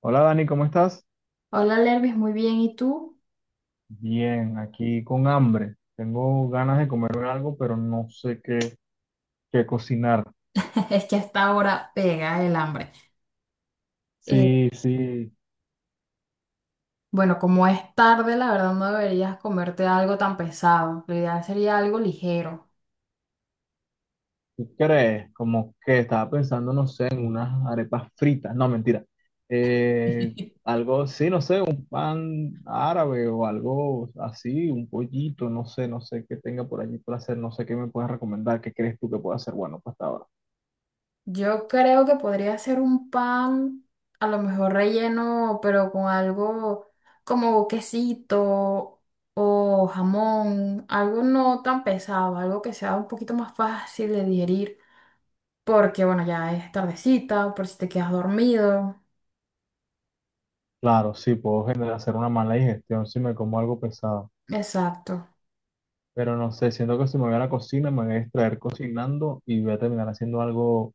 Hola Dani, ¿cómo estás? Hola Lervis, muy bien. ¿Y tú? Bien, aquí con hambre. Tengo ganas de comer algo, pero no sé qué cocinar. Es que hasta ahora pega el hambre. Eh, Sí, sí, bueno, como es tarde, la verdad no deberías comerte algo tan pesado. Lo ideal sería algo ligero. ¿qué crees? Como que estaba pensando, no sé, en unas arepas fritas. No, mentira. Eh, Algo, sí, no sé, un pan árabe o algo así, un pollito, no sé, no sé qué tenga por allí para hacer, no sé qué me puedes recomendar, qué crees tú que pueda hacer bueno para esta hora. Yo creo que podría ser un pan, a lo mejor relleno, pero con algo como quesito o jamón, algo no tan pesado, algo que sea un poquito más fácil de digerir, porque bueno, ya es tardecita, por si te quedas dormido. Claro, sí, puedo generar hacer una mala digestión si me como algo pesado. Exacto. Pero no sé, siento que si me voy a la cocina, me voy a distraer cocinando y voy a terminar haciendo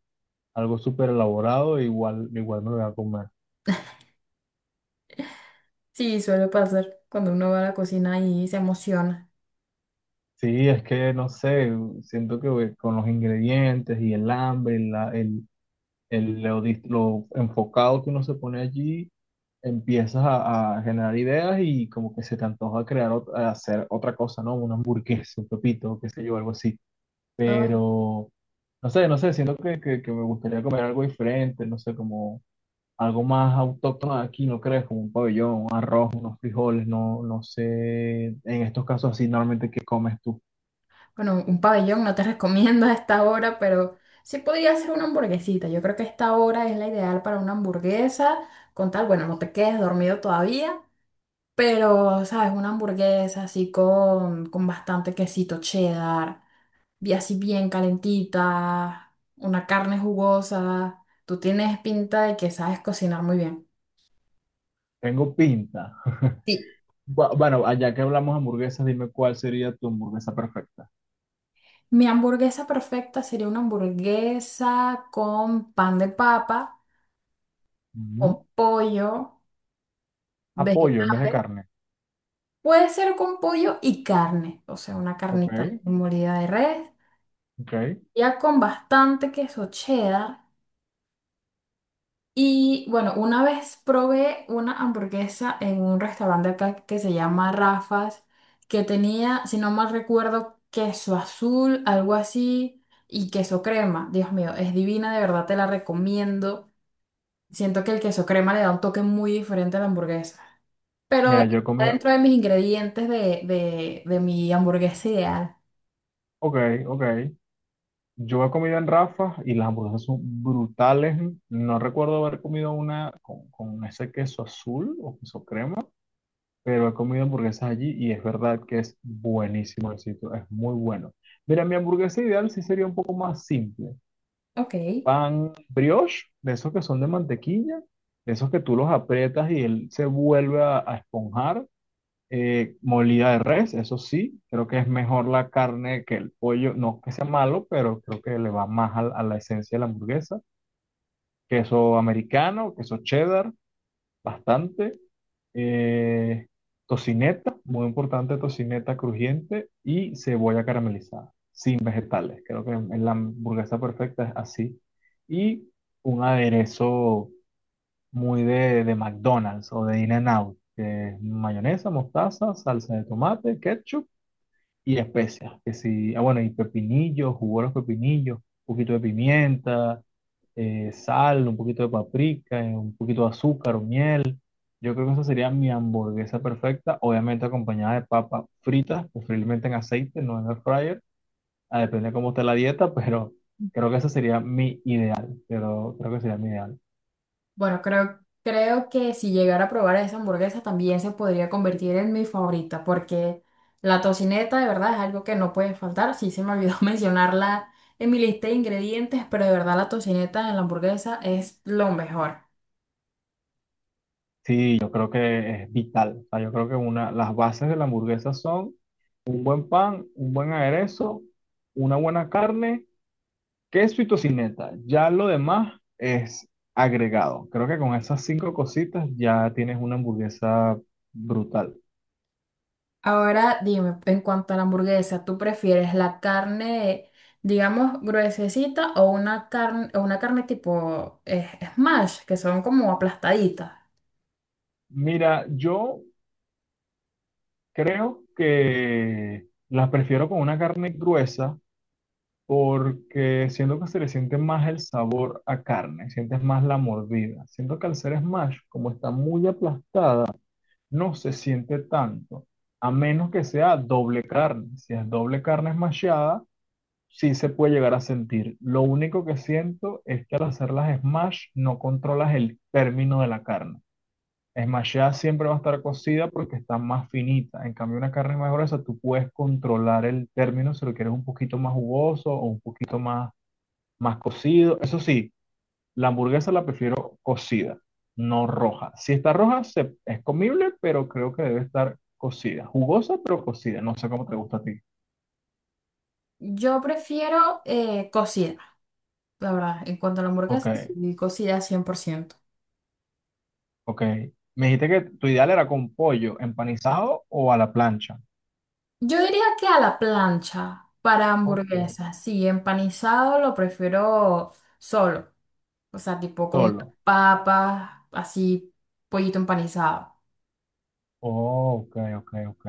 algo súper elaborado, e igual me lo voy a comer. Sí, suele pasar cuando uno va a la cocina y se emociona. Sí, es que no sé, siento que güey, con los ingredientes y el hambre, y lo enfocado que uno se pone allí, empiezas a generar ideas y como que se te antoja a hacer otra cosa, ¿no? Una hamburguesa, un pepito, qué sé yo, algo así. Ay, Pero no sé, siento que me gustaría comer algo diferente, no sé, como algo más autóctono de aquí, ¿no crees? Como un pabellón, un arroz, unos frijoles, no, no sé, en estos casos así, normalmente, ¿qué comes tú? bueno, un pabellón no te recomiendo a esta hora, pero sí podría ser una hamburguesita. Yo creo que esta hora es la ideal para una hamburguesa, con tal, bueno, no te quedes dormido todavía, pero, ¿sabes? Una hamburguesa así con bastante quesito cheddar, y así bien calentita, una carne jugosa. Tú tienes pinta de que sabes cocinar muy bien. Tengo pinta. Bueno, allá que hablamos de hamburguesas, dime cuál sería tu hamburguesa perfecta. Mi hamburguesa perfecta sería una hamburguesa con pan de papa, con Ujú. pollo, ¿A pollo en vez de vegetales. carne? Puede ser con pollo y carne, o sea, una Ok, carnita molida de res, ok. ya con bastante queso cheddar. Y bueno, una vez probé una hamburguesa en un restaurante acá que se llama Rafa's, que tenía, si no mal recuerdo, queso azul, algo así, y queso crema. Dios mío, es divina, de verdad te la recomiendo. Siento que el queso crema le da un toque muy diferente a la hamburguesa. Pero Mira, yo he está comido, dentro de mis ingredientes de mi hamburguesa ideal. ok, ok. Yo he comido en Rafa y las hamburguesas son brutales. No recuerdo haber comido una con ese queso azul o queso crema. Pero he comido hamburguesas allí y es verdad que es buenísimo el sitio, es muy bueno. Mira, mi hamburguesa ideal sí sería un poco más simple. Ok. Pan brioche, de esos que son de mantequilla, de esos que tú los aprietas y él se vuelve a esponjar. Molida de res, eso sí, creo que es mejor la carne que el pollo, no que sea malo, pero creo que le va más a la esencia de la hamburguesa. Queso americano, queso cheddar, bastante, eh, tocineta, muy importante, tocineta crujiente y cebolla caramelizada, sin vegetales. Creo que en la hamburguesa perfecta es así. Y un aderezo muy de McDonald's o de In-N-Out, que es mayonesa, mostaza, salsa de tomate, ketchup y especias. Que sí, ah, bueno, y pepinillos, jugo de los pepinillos, un poquito de pimienta, sal, un poquito de paprika, un poquito de azúcar o miel. Yo creo que esa sería mi hamburguesa perfecta, obviamente acompañada de papas fritas, preferiblemente en aceite, no en el fryer. Ah, depende de cómo esté la dieta, pero creo que esa sería mi ideal. Pero creo que sería mi ideal. Bueno, creo que si llegara a probar esa hamburguesa también se podría convertir en mi favorita, porque la tocineta de verdad es algo que no puede faltar. Sí se me olvidó mencionarla en mi lista de ingredientes, pero de verdad la tocineta en la hamburguesa es lo mejor. Sí, yo creo que es vital. O sea, yo creo que una, las bases de la hamburguesa son un buen pan, un buen aderezo, una buena carne, queso y tocineta. Ya lo demás es agregado. Creo que con esas cinco cositas ya tienes una hamburguesa brutal. Ahora dime, en cuanto a la hamburguesa, ¿tú prefieres la carne, digamos, gruesecita o una carne tipo smash, que son como aplastaditas? Mira, yo creo que las prefiero con una carne gruesa porque siento que se le siente más el sabor a carne, sientes más la mordida. Siento que al ser smash, como está muy aplastada, no se siente tanto, a menos que sea doble carne. Si es doble carne smashada, sí se puede llegar a sentir. Lo único que siento es que al hacer las smash no controlas el término de la carne. Es más, ya siempre va a estar cocida porque está más finita. En cambio, una carne más gruesa, tú puedes controlar el término si lo quieres un poquito más jugoso o un poquito más cocido. Eso sí, la hamburguesa la prefiero cocida, no roja. Si está roja, es comible, pero creo que debe estar cocida. Jugosa, pero cocida. No sé cómo te gusta a ti. Yo prefiero cocida, la verdad. En cuanto a la Ok, hamburguesa, sí, cocida 100%. ok. Me dijiste que tu ideal era con pollo empanizado o a la plancha. Yo diría que a la plancha para Ok. hamburguesas, sí, empanizado lo prefiero solo. O sea, tipo con Solo. papas, así, pollito empanizado. Oh, ok, ok, ok.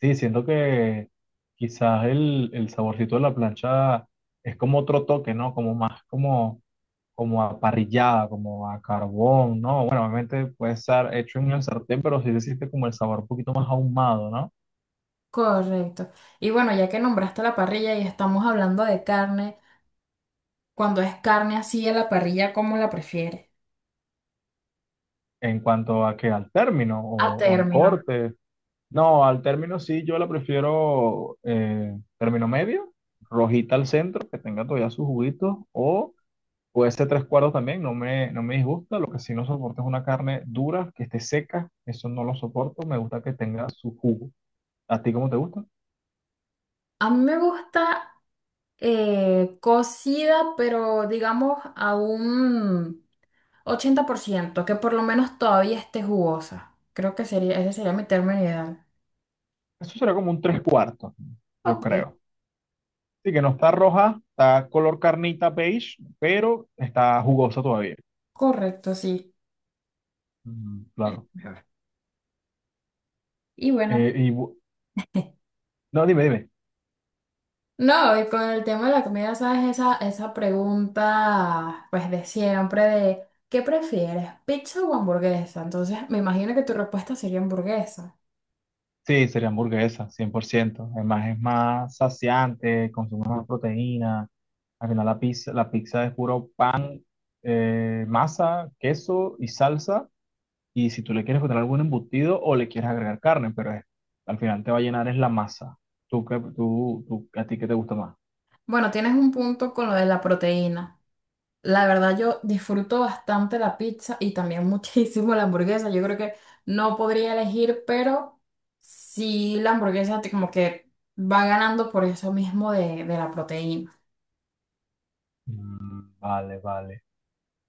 Sí, siento que quizás el saborcito de la plancha es como otro toque, ¿no? Como más como a parrillada, como a carbón, ¿no? Bueno, obviamente puede estar hecho en el sartén, pero sí se siente como el sabor un poquito más ahumado, ¿no? Correcto. Y bueno, ya que nombraste la parrilla y estamos hablando de carne, cuando es carne así a la parrilla, ¿cómo la prefieres? ¿En cuanto a que al término A o al término. corte? No, al término sí, yo la prefiero término medio, rojita al centro, que tenga todavía sus juguitos, o... Puede ser tres cuartos también, no me disgusta. Lo que sí no soporto es una carne dura, que esté seca. Eso no lo soporto. Me gusta que tenga su jugo. ¿A ti cómo te gusta? A mí me gusta cocida, pero digamos a un 80%, que por lo menos todavía esté jugosa. Creo que sería, ese sería mi término ideal. Eso será como un tres cuartos, yo Ok, creo. Sí, que no está roja, está color carnita beige, pero está jugosa todavía. correcto, sí. Mm, Es claro. mejor. Y bueno. Eh, y, bu- no, dime, dime. No, y con el tema de la comida, ¿sabes? Esa pregunta, pues de siempre, de ¿qué prefieres, pizza o hamburguesa? Entonces, me imagino que tu respuesta sería hamburguesa. Sí, sería hamburguesa, cien por ciento. Además, es más saciante, consume más proteína. Al final, la pizza es puro pan, masa, queso y salsa. Y si tú le quieres poner algún embutido o le quieres agregar carne, al final te va a llenar es la masa. ¿Tú, qué- tú- ¿A ti qué te gusta más? Bueno, tienes un punto con lo de la proteína. La verdad, yo disfruto bastante la pizza y también muchísimo la hamburguesa. Yo creo que no podría elegir, pero sí la hamburguesa te- como que va ganando por eso mismo de la proteína. Mm, vale, vale.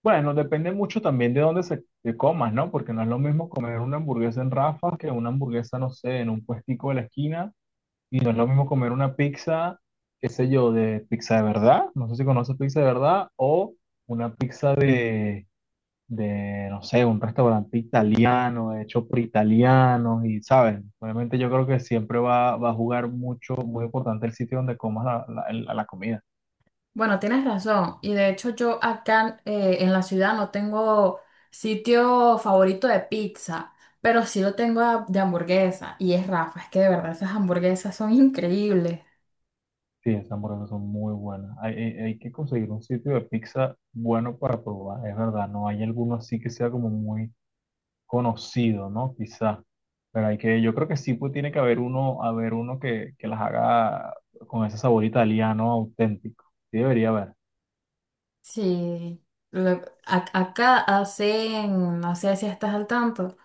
Bueno, depende mucho también de dónde se te comas, ¿no? Porque no es lo mismo comer una hamburguesa en Rafa que una hamburguesa, no sé, en un puestico de la esquina. Y no es lo mismo comer una pizza, qué sé yo, de pizza de verdad, no sé si conoces pizza de verdad, o una pizza no sé, un restaurante italiano, hecho por italianos, y sabes, obviamente yo creo que siempre va a jugar mucho, muy importante el sitio donde comas la comida. Bueno, tienes razón. Y de hecho yo acá en la ciudad no tengo sitio favorito de pizza, pero sí lo tengo a- de hamburguesa. Y es Rafa, es que de verdad esas hamburguesas son increíbles. Sí, esas hamburguesas son muy buenas. Hay que conseguir un sitio de pizza bueno para probar, es verdad, no hay alguno así que sea como muy conocido, ¿no? Quizá. Pero hay que, yo creo que sí pues, tiene que haber uno que las haga con ese sabor italiano auténtico. Sí debería haber. Sí, le- a- acá hacen, no sé si estás al tanto,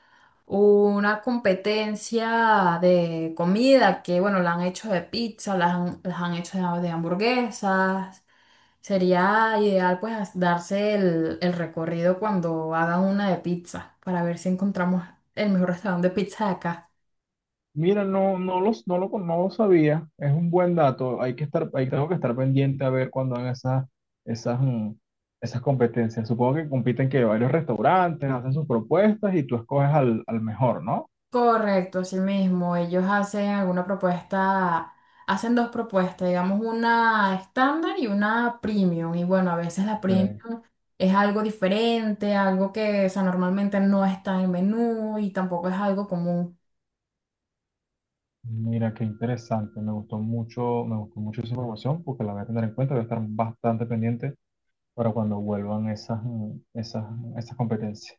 una competencia de comida que, bueno, la han hecho de pizza, las han hecho de hamburguesas. Sería ideal pues as- darse el recorrido cuando hagan una de pizza para ver si encontramos el mejor restaurante de pizza de acá. Mira, no, no los, no lo, con- no lo sabía. Es un buen dato. Hay que estar, hay, Tengo que estar pendiente a ver cuando hagan esas, mm, esas competencias. Supongo que compiten que varios restaurantes hacen sus propuestas y tú escoges al mejor, ¿no? Correcto, así mismo. Ellos hacen alguna propuesta, hacen dos propuestas, digamos una estándar y una premium. Y bueno, a veces la Ok. premium es algo diferente, algo que o sea, normalmente no está en el menú y tampoco es algo común. Mira, qué interesante. Me gustó mucho esa información porque la voy a tener en cuenta. Voy a estar bastante pendiente para cuando vuelvan esas, esas competencias.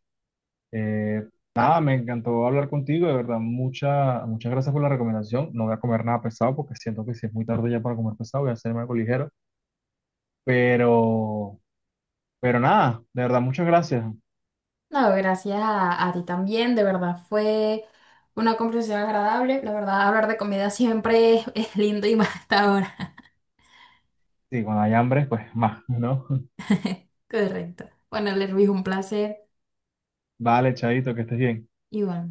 Eh, Nada, me encantó hablar contigo, de verdad, muchas gracias por la recomendación. No voy a comer nada pesado porque siento que si es muy tarde ya para comer pesado, voy a hacerme algo ligero. Pero, pero nada, de verdad, muchas gracias. No, gracias a ti también, de verdad fue una conversación agradable. La verdad, hablar de comida siempre es lindo y más hasta ahora. Sí, cuando hay hambre, pues más, ¿no? Correcto. Bueno, Lervis, un placer. Vale, Chaito, que estés bien. Igual.